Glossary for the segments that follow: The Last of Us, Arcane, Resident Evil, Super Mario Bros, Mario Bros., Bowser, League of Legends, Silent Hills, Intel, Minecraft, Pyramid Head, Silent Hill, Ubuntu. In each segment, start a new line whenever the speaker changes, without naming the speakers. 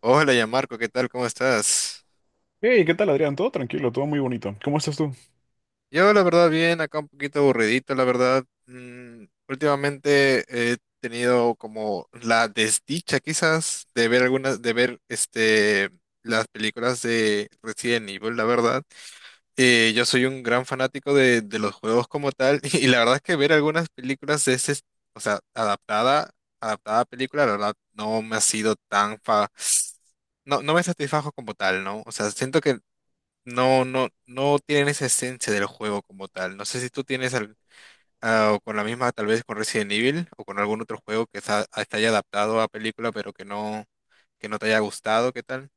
Hola, ya Marco, ¿qué tal? ¿Cómo estás?
Hey, ¿qué tal, Adrián? Todo tranquilo, todo muy bonito. ¿Cómo estás tú?
Yo, la verdad, bien, acá un poquito aburridito, la verdad. Últimamente he tenido como la desdicha, quizás, de ver este, las películas de Resident Evil, la verdad. Yo soy un gran fanático de los juegos como tal, y la verdad es que ver algunas películas de ese, o sea, adaptada a película, la verdad, no me ha sido tan fa no me satisfajo como tal, ¿no? O sea, siento que no, no, no tienen esa esencia del juego como tal. No sé si tú tienes o con la misma, tal vez con Resident Evil o con algún otro juego que haya adaptado a película, pero que no te haya gustado, ¿qué tal?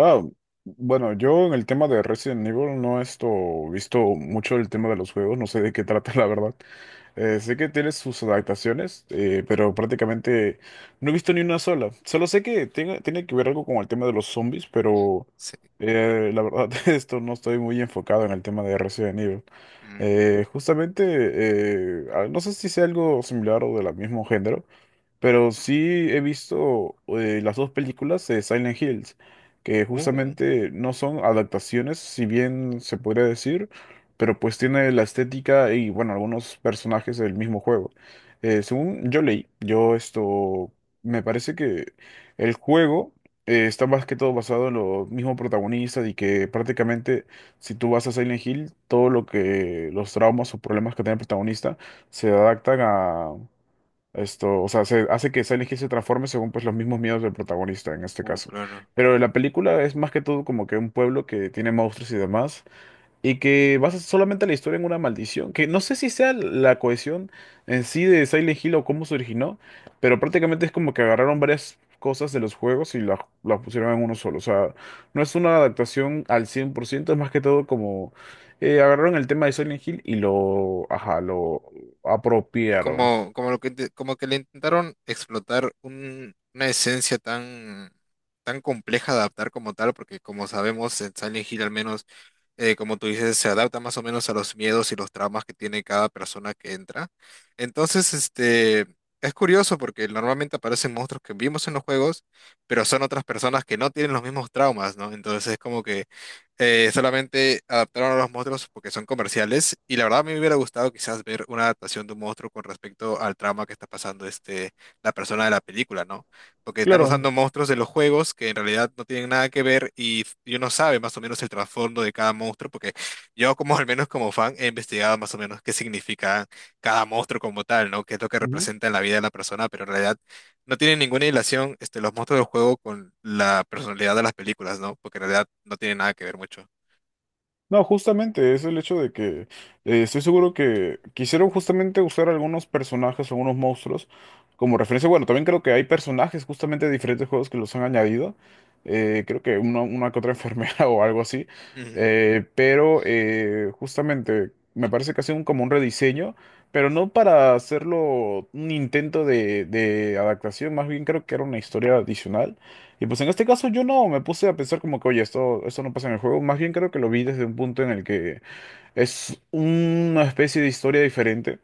Ah, bueno, yo en el tema de Resident Evil no he visto mucho el tema de los juegos, no sé de qué trata la verdad. Sé que tiene sus adaptaciones, pero prácticamente no he visto ni una sola. Solo sé que tiene que ver algo con el tema de los zombies, pero
Sí.
la verdad, esto no estoy muy enfocado en el tema de Resident Evil.
Mm.
No sé si sea algo similar o de la mismo género. Pero sí he visto las dos películas de Silent Hills, que
Uh,
justamente no son adaptaciones, si bien se podría decir, pero pues tiene la estética y bueno, algunos personajes del mismo juego. Según yo leí, me parece que el juego está más que todo basado en los mismos protagonistas y que prácticamente si tú vas a Silent Hill, todo lo que los traumas o problemas que tiene el protagonista se adaptan a o sea, se hace que Silent Hill se transforme según pues los mismos miedos del protagonista en este caso.
claro.
Pero la película es más que todo como que un pueblo que tiene monstruos y demás, y que basa solamente la historia en una maldición, que no sé si sea la cohesión en sí de Silent Hill o cómo se originó, pero prácticamente es como que agarraron varias cosas de los juegos y las pusieron en uno solo. O sea, no es una adaptación al 100%. Es más que todo como agarraron el tema de Silent Hill y lo, ajá, lo apropiaron.
Como como que le intentaron explotar una esencia tan compleja de adaptar como tal, porque como sabemos, en Silent Hill al menos, como tú dices, se adapta más o menos a los miedos y los traumas que tiene cada persona que entra. Entonces, este, es curioso porque normalmente aparecen monstruos que vimos en los juegos, pero son otras personas que no tienen los mismos traumas, ¿no? Entonces es como que solamente adaptaron a los monstruos porque son comerciales y la verdad a mí me hubiera gustado quizás ver una adaptación de un monstruo con respecto al trama que está pasando este, la persona de la película, ¿no? Porque están usando
Claro.
monstruos de los juegos que en realidad no tienen nada que ver y yo no sabe más o menos el trasfondo de cada monstruo porque yo como al menos como fan he investigado más o menos qué significa cada monstruo como tal, ¿no? Qué es lo que representa en la vida de la persona, pero en realidad no tienen ninguna relación este, los monstruos del juego con la personalidad de las películas, ¿no? Porque en realidad no tienen nada que ver mucho.
No, justamente es el hecho de que estoy seguro que quisieron justamente usar algunos personajes, algunos monstruos como referencia. Bueno, también creo que hay personajes justamente de diferentes juegos que los han añadido. Creo que una que otra enfermera o algo así.
Ujú,
Justamente me parece que ha sido como un rediseño, pero no para hacerlo un intento de adaptación, más bien creo que era una historia adicional. Y pues en este caso yo no me puse a pensar como que, oye, esto no pasa en el juego. Más bien creo que lo vi desde un punto en el que es una especie de historia diferente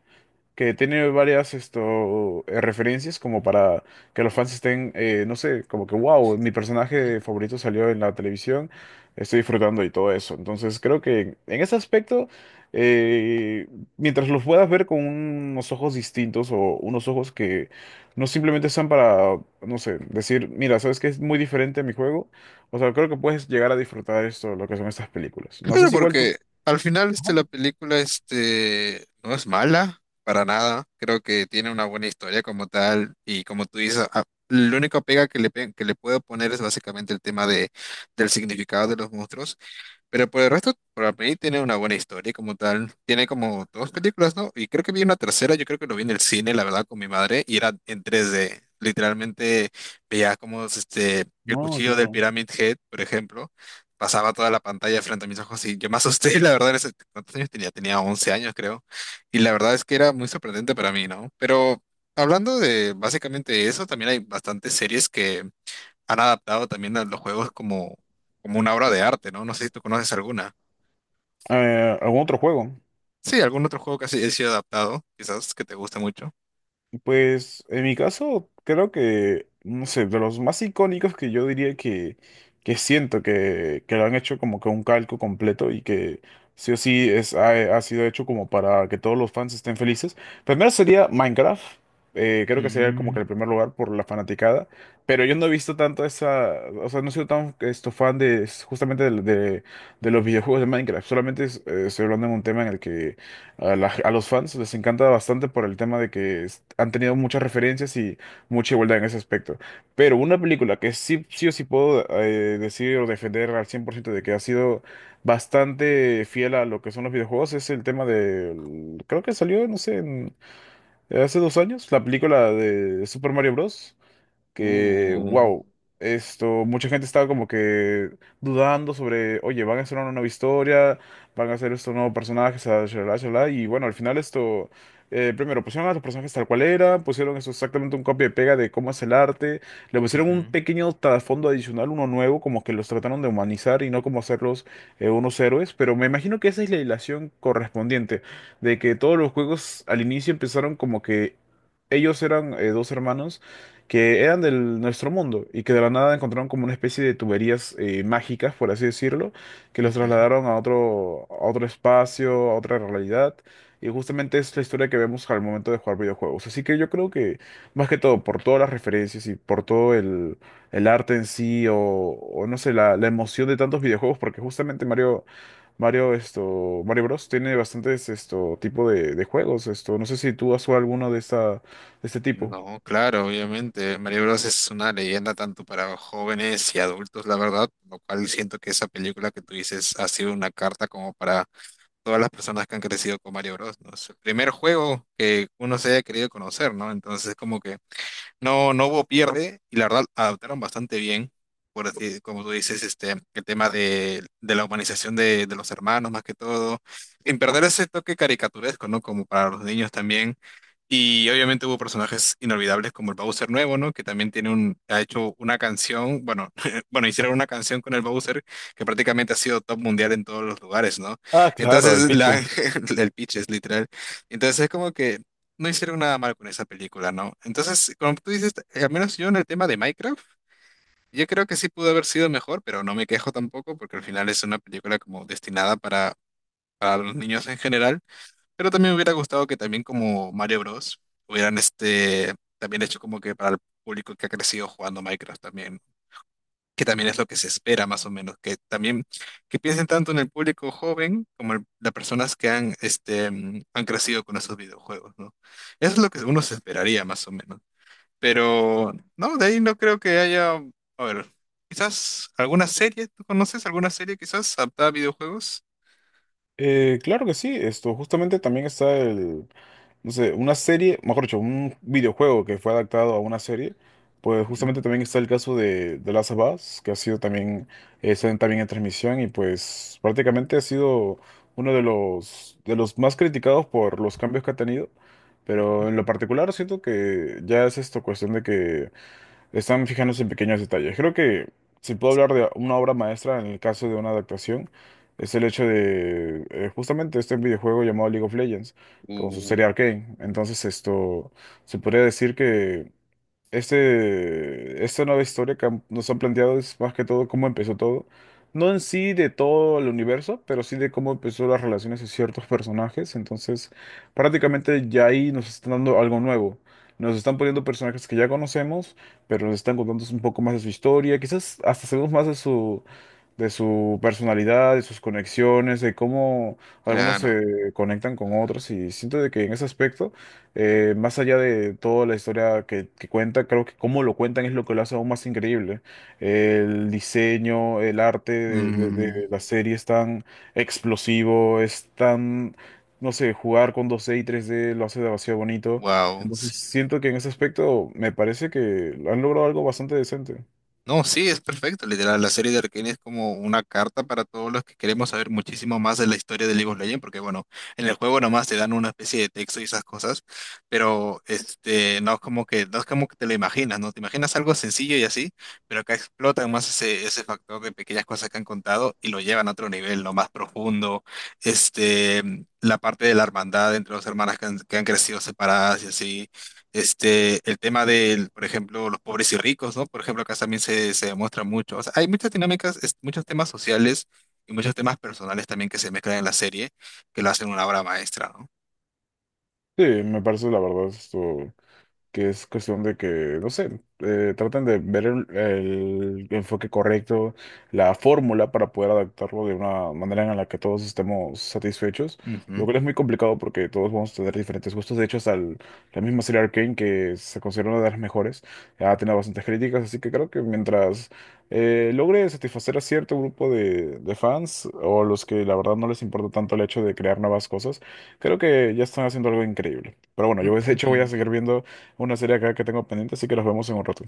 que tiene varias referencias como para que los fans estén, no sé, como que, wow, mi
ujú.
personaje favorito salió en la televisión, estoy disfrutando y todo eso. Entonces creo que en ese aspecto, eh, mientras los puedas ver con unos ojos distintos o unos ojos que no simplemente están para, no sé, decir, mira, ¿sabes qué es muy diferente a mi juego? O sea, creo que puedes llegar a disfrutar lo que son estas películas. No sé
Claro,
si igual tú...
porque al final
Ajá.
este, la película este, no es mala para nada. Creo que tiene una buena historia como tal. Y como tú dices, la única pega que que le puedo poner es básicamente el tema de, del significado de los monstruos. Pero por el resto, para mí tiene una buena historia como tal. Tiene como dos películas, ¿no? Y creo que vi una tercera, yo creo que lo vi en el cine, la verdad, con mi madre, y era en 3D. Literalmente veía como este, el
No,
cuchillo del
claro.
Pyramid Head, por ejemplo, pasaba toda la pantalla frente a mis ojos y yo me asusté, la verdad, ¿cuántos años tenía? Tenía 11 años, creo. Y la verdad es que era muy sorprendente para mí, ¿no? Pero hablando de básicamente eso, también hay bastantes series que han adaptado también a los juegos como, como una obra de arte, ¿no? No sé si tú conoces alguna.
¿Algún otro juego?
Sí, algún otro juego que ha sido adaptado, quizás que te guste mucho.
Pues en mi caso, creo que, no sé, de los más icónicos que yo que siento que lo han hecho como que un calco completo y que sí o sí ha sido hecho como para que todos los fans estén felices. Primero sería Minecraft, creo que sería como que el primer lugar por la fanaticada, pero yo no he visto tanto esa, o sea, no he sido tan fan de justamente de los videojuegos de Minecraft, estoy hablando de un tema en el que a los fans les encanta bastante por el tema de que han tenido muchas referencias y mucha igualdad en ese aspecto. Pero una película que sí o sí puedo decir o defender al 100% de que ha sido bastante fiel a lo que son los videojuegos es el tema de... Creo que salió, no sé, hace dos años, la película de Super Mario Bros que,
Uh,
wow, mucha gente estaba como que dudando sobre, oye, van a hacer una nueva historia, van a hacer estos nuevos personajes, shalala, shalala, shalala, y bueno, al final primero pusieron a los personajes tal cual era, pusieron eso exactamente un copia y pega de cómo es el arte, le pusieron un
Ujú,
pequeño trasfondo adicional, uno nuevo, como que los trataron de humanizar y no como hacerlos unos héroes, pero me imagino que esa es la hilación correspondiente, de que todos los juegos al inicio empezaron como que... Ellos eran dos hermanos que eran de nuestro mundo y que de la nada encontraron como una especie de tuberías mágicas, por así decirlo, que los
ujú.
trasladaron a otro espacio, a otra realidad. Y justamente es la historia que vemos al momento de jugar videojuegos. Así que yo creo que, más que todo, por todas las referencias y por todo el arte en sí, o no sé, la emoción de tantos videojuegos, porque justamente Mario Bros. Tiene bastantes esto tipo de juegos. No sé si tú has jugado alguno de este tipo.
No, claro, obviamente. Mario Bros. Es una leyenda tanto para jóvenes y adultos, la verdad, lo cual siento que esa película que tú dices ha sido una carta como para todas las personas que han crecido con Mario Bros., ¿no? Es el primer juego que uno se haya querido conocer, ¿no? Entonces, como que no, no hubo pierde y la verdad adaptaron bastante bien, como tú dices, este, el tema de la humanización de los hermanos más que todo, en perder ese toque caricaturesco, ¿no? Como para los niños también. Y obviamente hubo personajes inolvidables como el Bowser nuevo, ¿no? Que también ha hecho una canción, bueno, bueno, hicieron una canción con el Bowser que prácticamente ha sido top mundial en todos los lugares, ¿no?
Ah, claro, el
Entonces, la,
Pitches.
el pitch es literal. Entonces es como que no hicieron nada mal con esa película, ¿no? Entonces, como tú dices, al menos yo en el tema de Minecraft, yo creo que sí pudo haber sido mejor, pero no me quejo tampoco porque al final es una película como destinada para los niños en general. Pero también me hubiera gustado que también como Mario Bros. Hubieran este, también hecho como que para el público que ha crecido jugando Minecraft también, que también es lo que se espera más o menos, que también que piensen tanto en el público joven como en las personas que este, han crecido con esos videojuegos, ¿no? Eso es lo que uno se esperaría más o menos. Pero no, de ahí no creo que haya, a ver, quizás alguna serie, ¿tú conoces alguna serie quizás adaptada a videojuegos?
Claro que sí, esto justamente también está no sé, una serie, mejor dicho, un videojuego que fue adaptado a una serie, pues
Ujú.
justamente también está el caso de The Last of Us, que ha sido también, está también en transmisión y pues prácticamente ha sido uno de los más criticados por los cambios que ha tenido, pero en lo particular siento que ya es esto cuestión de que están fijándose en pequeños detalles. Creo que si puedo hablar de una obra maestra en el caso de una adaptación, es el hecho de justamente este videojuego llamado League of Legends, con su
Uh,
serie Arcane. Entonces, esto se podría decir que esta nueva historia que nos han planteado es más que todo cómo empezó todo. No en sí de todo el universo, pero sí de cómo empezó las relaciones de ciertos personajes. Entonces, prácticamente ya ahí nos están dando algo nuevo. Nos están poniendo personajes que ya conocemos, pero nos están contando un poco más de su historia. Quizás hasta sabemos más de su personalidad, de sus conexiones, de cómo algunos
claro.
se conectan con otros. Y siento de que en ese aspecto. Más allá de toda la historia que cuenta, creo que cómo lo cuentan es lo que lo hace aún más increíble. El diseño, el arte de la serie es tan explosivo, es tan, no sé, jugar con 2D y 3D lo hace demasiado bonito.
Wow.
Entonces siento que en ese aspecto me parece que han logrado algo bastante decente.
No, sí, es perfecto. Literal, la serie de Arcane es como una carta para todos los que queremos saber muchísimo más de la historia de League of Legends, porque bueno, en el juego nomás te dan una especie de texto y esas cosas, pero este, no es como que, no es como que te lo imaginas, ¿no? Te imaginas algo sencillo y así, pero acá explotan más ese, ese factor de pequeñas cosas que han contado y lo llevan a otro nivel, ¿no? Más profundo. Este, la parte de la hermandad entre las hermanas que han crecido separadas y así. Este, el tema del, por ejemplo, los pobres y ricos, ¿no? Por ejemplo, acá también se demuestra mucho. O sea, hay muchas dinámicas, muchos temas sociales y muchos temas personales también que se mezclan en la serie, que lo hacen una obra maestra, ¿no?
Sí, me parece la verdad esto. Que es cuestión de que, no sé, traten de ver el enfoque correcto, la fórmula para poder adaptarlo de una manera en la que todos estemos satisfechos, lo
Ujú.
cual es muy complicado porque todos vamos a tener diferentes gustos. De hecho, la misma serie Arcane, que se considera una de las mejores, ha tenido bastantes críticas, así que creo que mientras logre satisfacer a cierto grupo de fans o a los que la verdad no les importa tanto el hecho de crear nuevas cosas, creo que ya están haciendo algo increíble. Pero bueno,
Mm,
yo de hecho voy a
ujú.
seguir viendo una serie acá que tengo pendiente, así que nos vemos en un rato.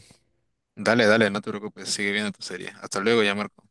Dale, dale, no te preocupes, sigue viendo tu serie. Hasta luego, ya, Marco.